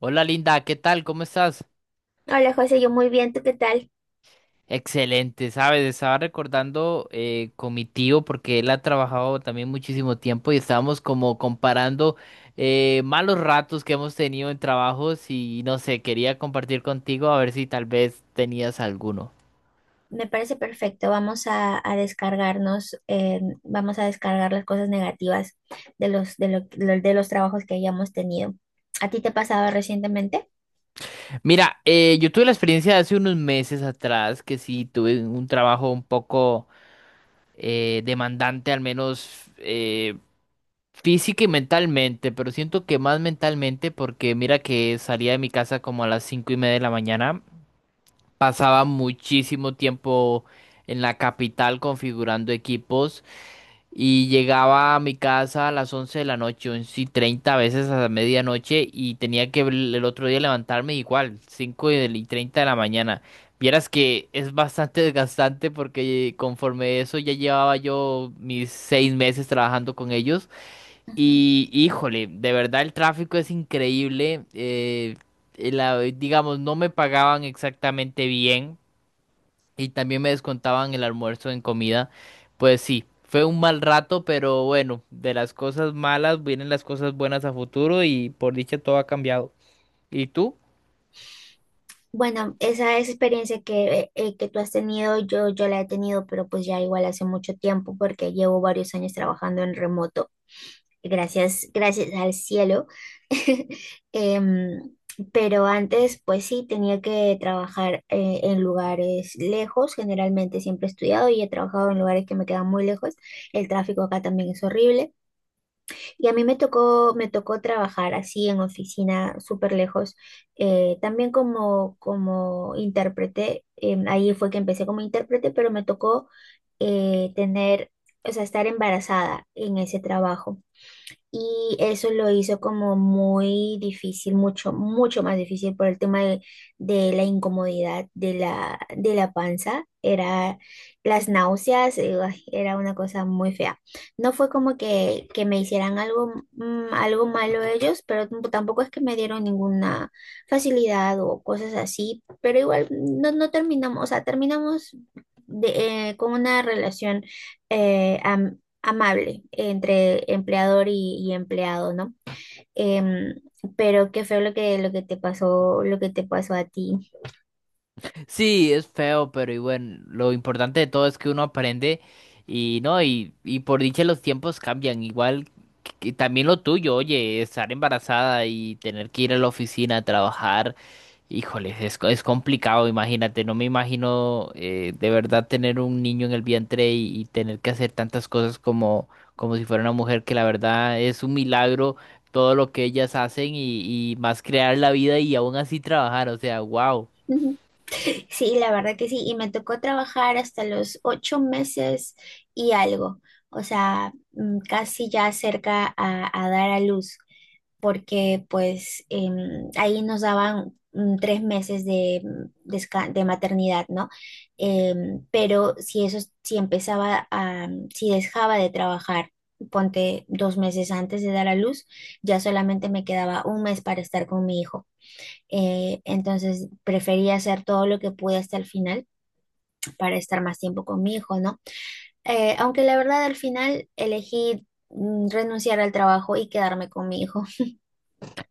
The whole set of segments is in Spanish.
Hola Linda, ¿qué tal? ¿Cómo estás? Hola José, yo muy bien, ¿tú qué tal? Excelente, sabes, estaba recordando con mi tío porque él ha trabajado también muchísimo tiempo y estábamos como comparando malos ratos que hemos tenido en trabajos y no sé, quería compartir contigo a ver si tal vez tenías alguno. Me parece perfecto, vamos a descargarnos, vamos a descargar las cosas negativas de los, de lo- de los trabajos que hayamos tenido. ¿A ti te ha pasado recientemente? Mira, yo tuve la experiencia de hace unos meses atrás que sí tuve un trabajo un poco demandante, al menos física y mentalmente, pero siento que más mentalmente porque mira que salía de mi casa como a las 5:30 de la mañana, pasaba muchísimo tiempo en la capital configurando equipos y llegaba a mi casa a las 11 de la noche, 11:30, a veces a la medianoche, y tenía que el otro día levantarme igual, cinco y treinta de la mañana. Vieras que es bastante desgastante porque conforme eso ya llevaba yo mis 6 meses trabajando con ellos. Ujú. Y híjole, de verdad el tráfico es increíble. Digamos, no me pagaban exactamente bien y también me descontaban el almuerzo en comida. Pues sí, fue un mal rato, pero bueno, de las cosas malas vienen las cosas buenas a futuro y por dicha todo ha cambiado. ¿Y tú? Bueno, esa experiencia que tú has tenido, yo la he tenido, pero pues ya igual hace mucho tiempo porque llevo varios años trabajando en remoto. Gracias, gracias al cielo. Em, pero antes, pues sí, tenía que trabajar en lugares lejos. Generalmente siempre he estudiado y he trabajado en lugares que me quedan muy lejos. El tráfico acá también es horrible. Y a mí me tocó trabajar así en oficina súper lejos. También como intérprete, ahí fue que empecé como intérprete, pero me tocó tener, o sea, estar embarazada en ese trabajo. Y eso lo hizo como muy difícil, mucho, mucho más difícil por el tema de la incomodidad de la panza. Era las náuseas, ay, era una cosa muy fea. No fue como que me hicieran algo, algo malo ellos, pero tampoco es que me dieron ninguna facilidad o cosas así. Pero igual no, no terminamos, o sea, terminamos con una relación amable entre empleador y empleado, ¿no? Em, pero qué feo lo que te pasó, lo que te pasó a ti. Sí, es feo, pero y bueno, lo importante de todo es que uno aprende y no, y por dicha los tiempos cambian, igual que también lo tuyo, oye, estar embarazada y tener que ir a la oficina a trabajar, híjole, es, es complicado, imagínate, no me imagino, de verdad tener un niño en el vientre y tener que hacer tantas cosas como, como si fuera una mujer, que la verdad es un milagro todo lo que ellas hacen y más crear la vida y aún así trabajar, o sea, wow. Ujú. Sí, la verdad que sí. Y me tocó trabajar hasta los 8 meses y algo. O sea, casi ya cerca a dar a luz, porque pues ahí nos daban 3 meses de maternidad, ¿no? Em, pero si eso, si empezaba a, mm, si dejaba de trabajar, ponte 2 meses antes de dar a luz, ya solamente me quedaba un mes para estar con mi hijo. Entonces preferí hacer todo lo que pude hasta el final para estar más tiempo con mi hijo, ¿no? Aunque la verdad al final elegí renunciar al trabajo y quedarme con mi hijo.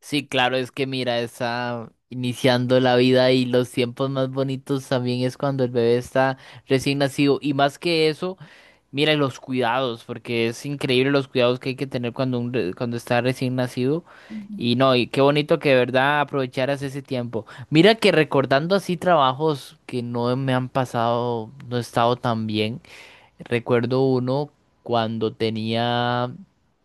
Sí, claro, es que mira, está iniciando la vida y los tiempos más bonitos también es cuando el bebé está recién nacido. Y más que eso, mira los cuidados, porque es increíble los cuidados que hay que tener cuando, cuando está recién nacido. Ujú. Y no, y qué bonito que de verdad aprovecharas ese tiempo. Mira que recordando así trabajos que no me han pasado, no he estado tan bien. Recuerdo uno cuando tenía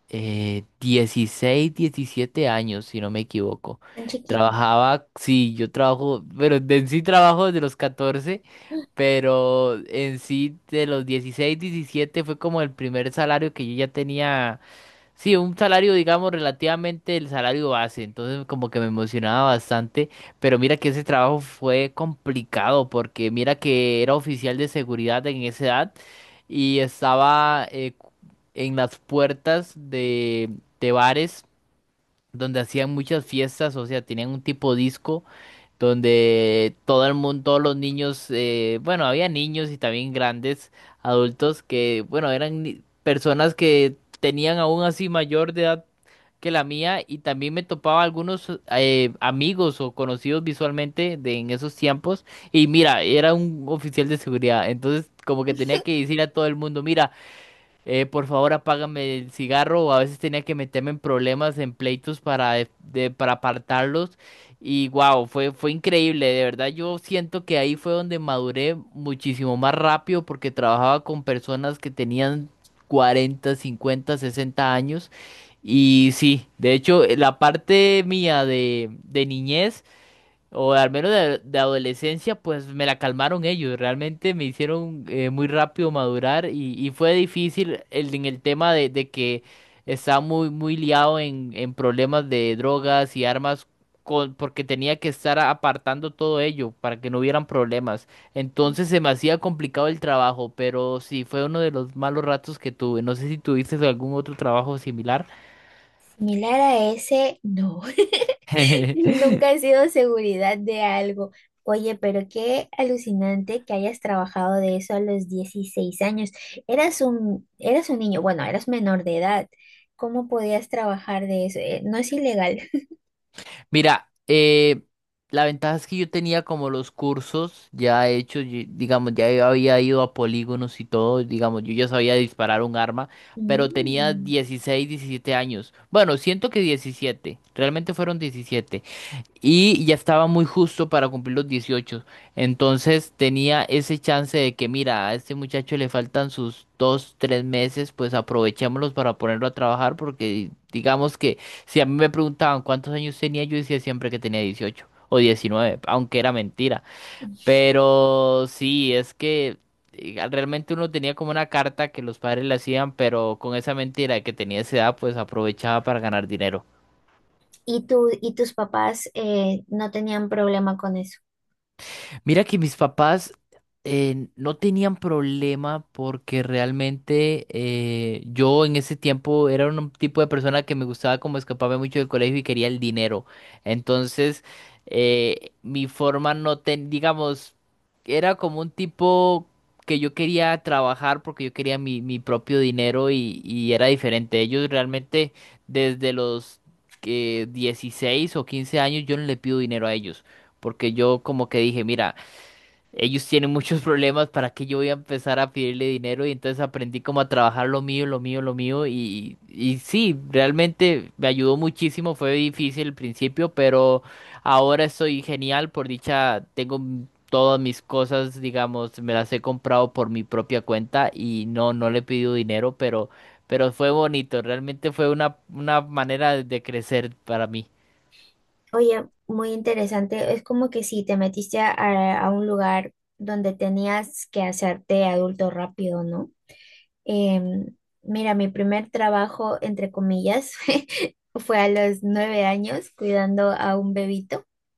16, 17 años, si no me equivoco. Tan chiquito. Trabajaba, sí, yo trabajo, pero en sí trabajo desde los 14, pero en sí de los 16, 17 fue como el primer salario que yo ya tenía. Sí, un salario, digamos, relativamente el salario base, entonces como que me emocionaba bastante, pero mira que ese trabajo fue complicado porque mira que era oficial de seguridad en esa edad y estaba en las puertas de bares donde hacían muchas fiestas, o sea, tenían un tipo disco donde todo el mundo, todos los niños, bueno, había niños y también grandes adultos que, bueno, eran personas que tenían aún así mayor de edad que la mía, y también me topaba algunos amigos o conocidos visualmente de en esos tiempos. Y mira, era un oficial de seguridad, entonces como que tenía que decir a todo el mundo, mira, por favor apágame el cigarro, o a veces tenía que meterme en problemas, en pleitos para, para apartarlos. Y wow, fue, fue increíble, de verdad yo siento que ahí fue donde maduré muchísimo más rápido porque trabajaba con personas que tenían 40, 50, 60 años. Y sí, de hecho la parte mía de niñez o al menos de adolescencia, pues me la calmaron ellos. Realmente me hicieron muy rápido madurar y fue difícil el, en el tema de que estaba muy, muy liado en problemas de drogas y armas, porque tenía que estar apartando todo ello para que no hubieran problemas. Entonces se me hacía complicado el trabajo, pero sí fue uno de los malos ratos que tuve. No sé si tuviste algún otro trabajo similar. Similar a ese, no. Nunca he sido seguridad de algo. Oye, pero qué alucinante que hayas trabajado de eso a los 16 años. Eras un niño, bueno, eras menor de edad. ¿Cómo podías trabajar de eso? ¿No es ilegal? Mira, la ventaja es que yo tenía como los cursos ya hechos, digamos, ya había ido a polígonos y todo, digamos, yo ya sabía disparar un arma, pero tenía Mm. 16, 17 años. Bueno, siento que 17, realmente fueron 17. Y ya estaba muy justo para cumplir los 18. Entonces tenía ese chance de que, mira, a este muchacho le faltan sus 2, 3 meses, pues aprovechémoslos para ponerlo a trabajar, porque digamos que si a mí me preguntaban cuántos años tenía, yo decía siempre que tenía 18 o 19 aunque era mentira. Pero sí, es que realmente uno tenía como una carta que los padres le hacían, pero con esa mentira de que tenía esa edad, pues aprovechaba para ganar dinero. ¿Y tú, y tus papás no tenían problema con eso? Mira que mis papás no tenían problema porque realmente yo en ese tiempo era un tipo de persona que me gustaba como escaparme mucho del colegio y quería el dinero. Entonces, mi forma no ten, digamos, era como un tipo que yo quería trabajar porque yo quería mi, mi propio dinero y era diferente. Ellos realmente desde los 16 o 15 años yo no le pido dinero a ellos porque yo como que dije, mira, ellos tienen muchos problemas para que yo voy a empezar a pedirle dinero, y entonces aprendí como a trabajar lo mío, lo mío, lo mío, y sí, realmente me ayudó muchísimo, fue difícil al principio, pero ahora estoy genial, por dicha tengo todas mis cosas, digamos, me las he comprado por mi propia cuenta y no, no le he pedido dinero, pero fue bonito, realmente fue una manera de crecer para mí. Oye, muy interesante. Es como que si te metiste a un lugar donde tenías que hacerte adulto rápido, ¿no? Em, Mira, mi primer trabajo, entre comillas, fue a los 9 años cuidando a un bebito.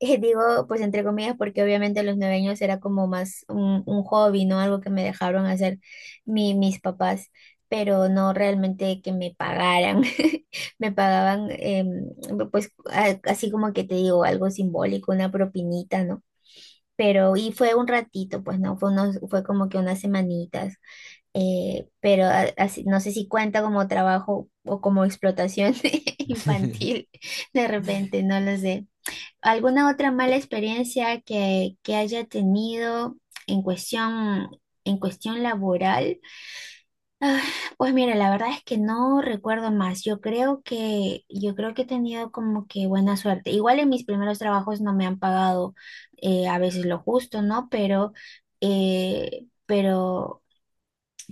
Digo, pues entre comillas, porque obviamente a los 9 años era como más un hobby, ¿no? Algo que me dejaron hacer mis papás, pero no realmente que me pagaran. Me pagaban, pues así como que te digo, algo simbólico, una propinita, ¿no? Pero, y fue un ratito, pues no, fue como que unas semanitas pero no sé si cuenta como trabajo o como explotación infantil, de repente, no lo sé. ¿Alguna otra mala experiencia que haya tenido en cuestión, en cuestión laboral? Pues mira, la verdad es que no recuerdo más. Yo creo que he tenido como que buena suerte. Igual en mis primeros trabajos no me han pagado a veces lo justo, ¿no? Eh, pero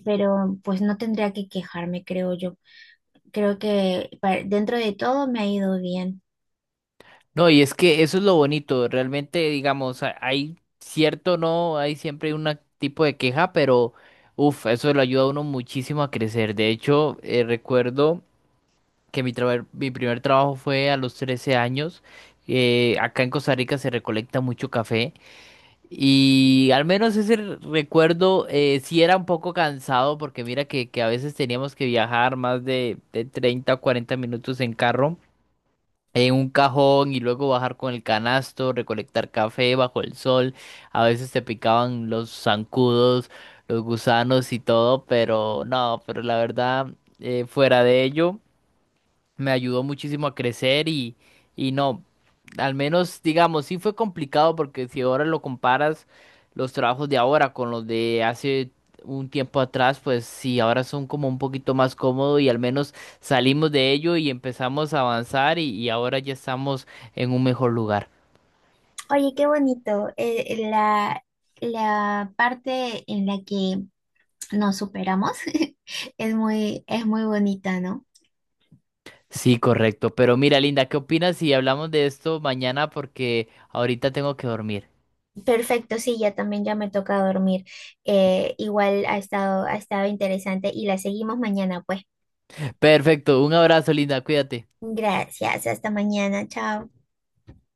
pues no tendría que quejarme, creo yo. Creo que dentro de todo me ha ido bien. No, y es que eso es lo bonito, realmente, digamos, hay cierto no, hay siempre un tipo de queja, pero uff, eso le ayuda a uno muchísimo a crecer. De hecho, recuerdo que mi, mi primer trabajo fue a los 13 años. Eh, acá en Costa Rica se recolecta mucho café y al menos ese recuerdo, sí era un poco cansado porque mira que a veces teníamos que viajar más de 30 o 40 minutos en carro en un cajón y luego bajar con el canasto, recolectar café bajo el sol. A veces te picaban los zancudos, los gusanos y todo, pero no, pero la verdad, fuera de ello me ayudó muchísimo a crecer y no, al menos digamos, sí fue complicado porque si ahora lo comparas los trabajos de ahora con los de hace un tiempo atrás, pues sí, ahora son como un poquito más cómodos y al menos salimos de ello y empezamos a avanzar y ahora ya estamos en un mejor lugar. Oye, qué bonito. La parte en la que nos superamos es muy, bonita, ¿no? Sí, correcto. Pero mira, Linda, ¿qué opinas si hablamos de esto mañana? Porque ahorita tengo que dormir. Perfecto, sí, ya también ya me toca dormir. Igual ha estado interesante y la seguimos mañana, pues. Perfecto, un abrazo, Linda, cuídate. Gracias, hasta mañana, chao.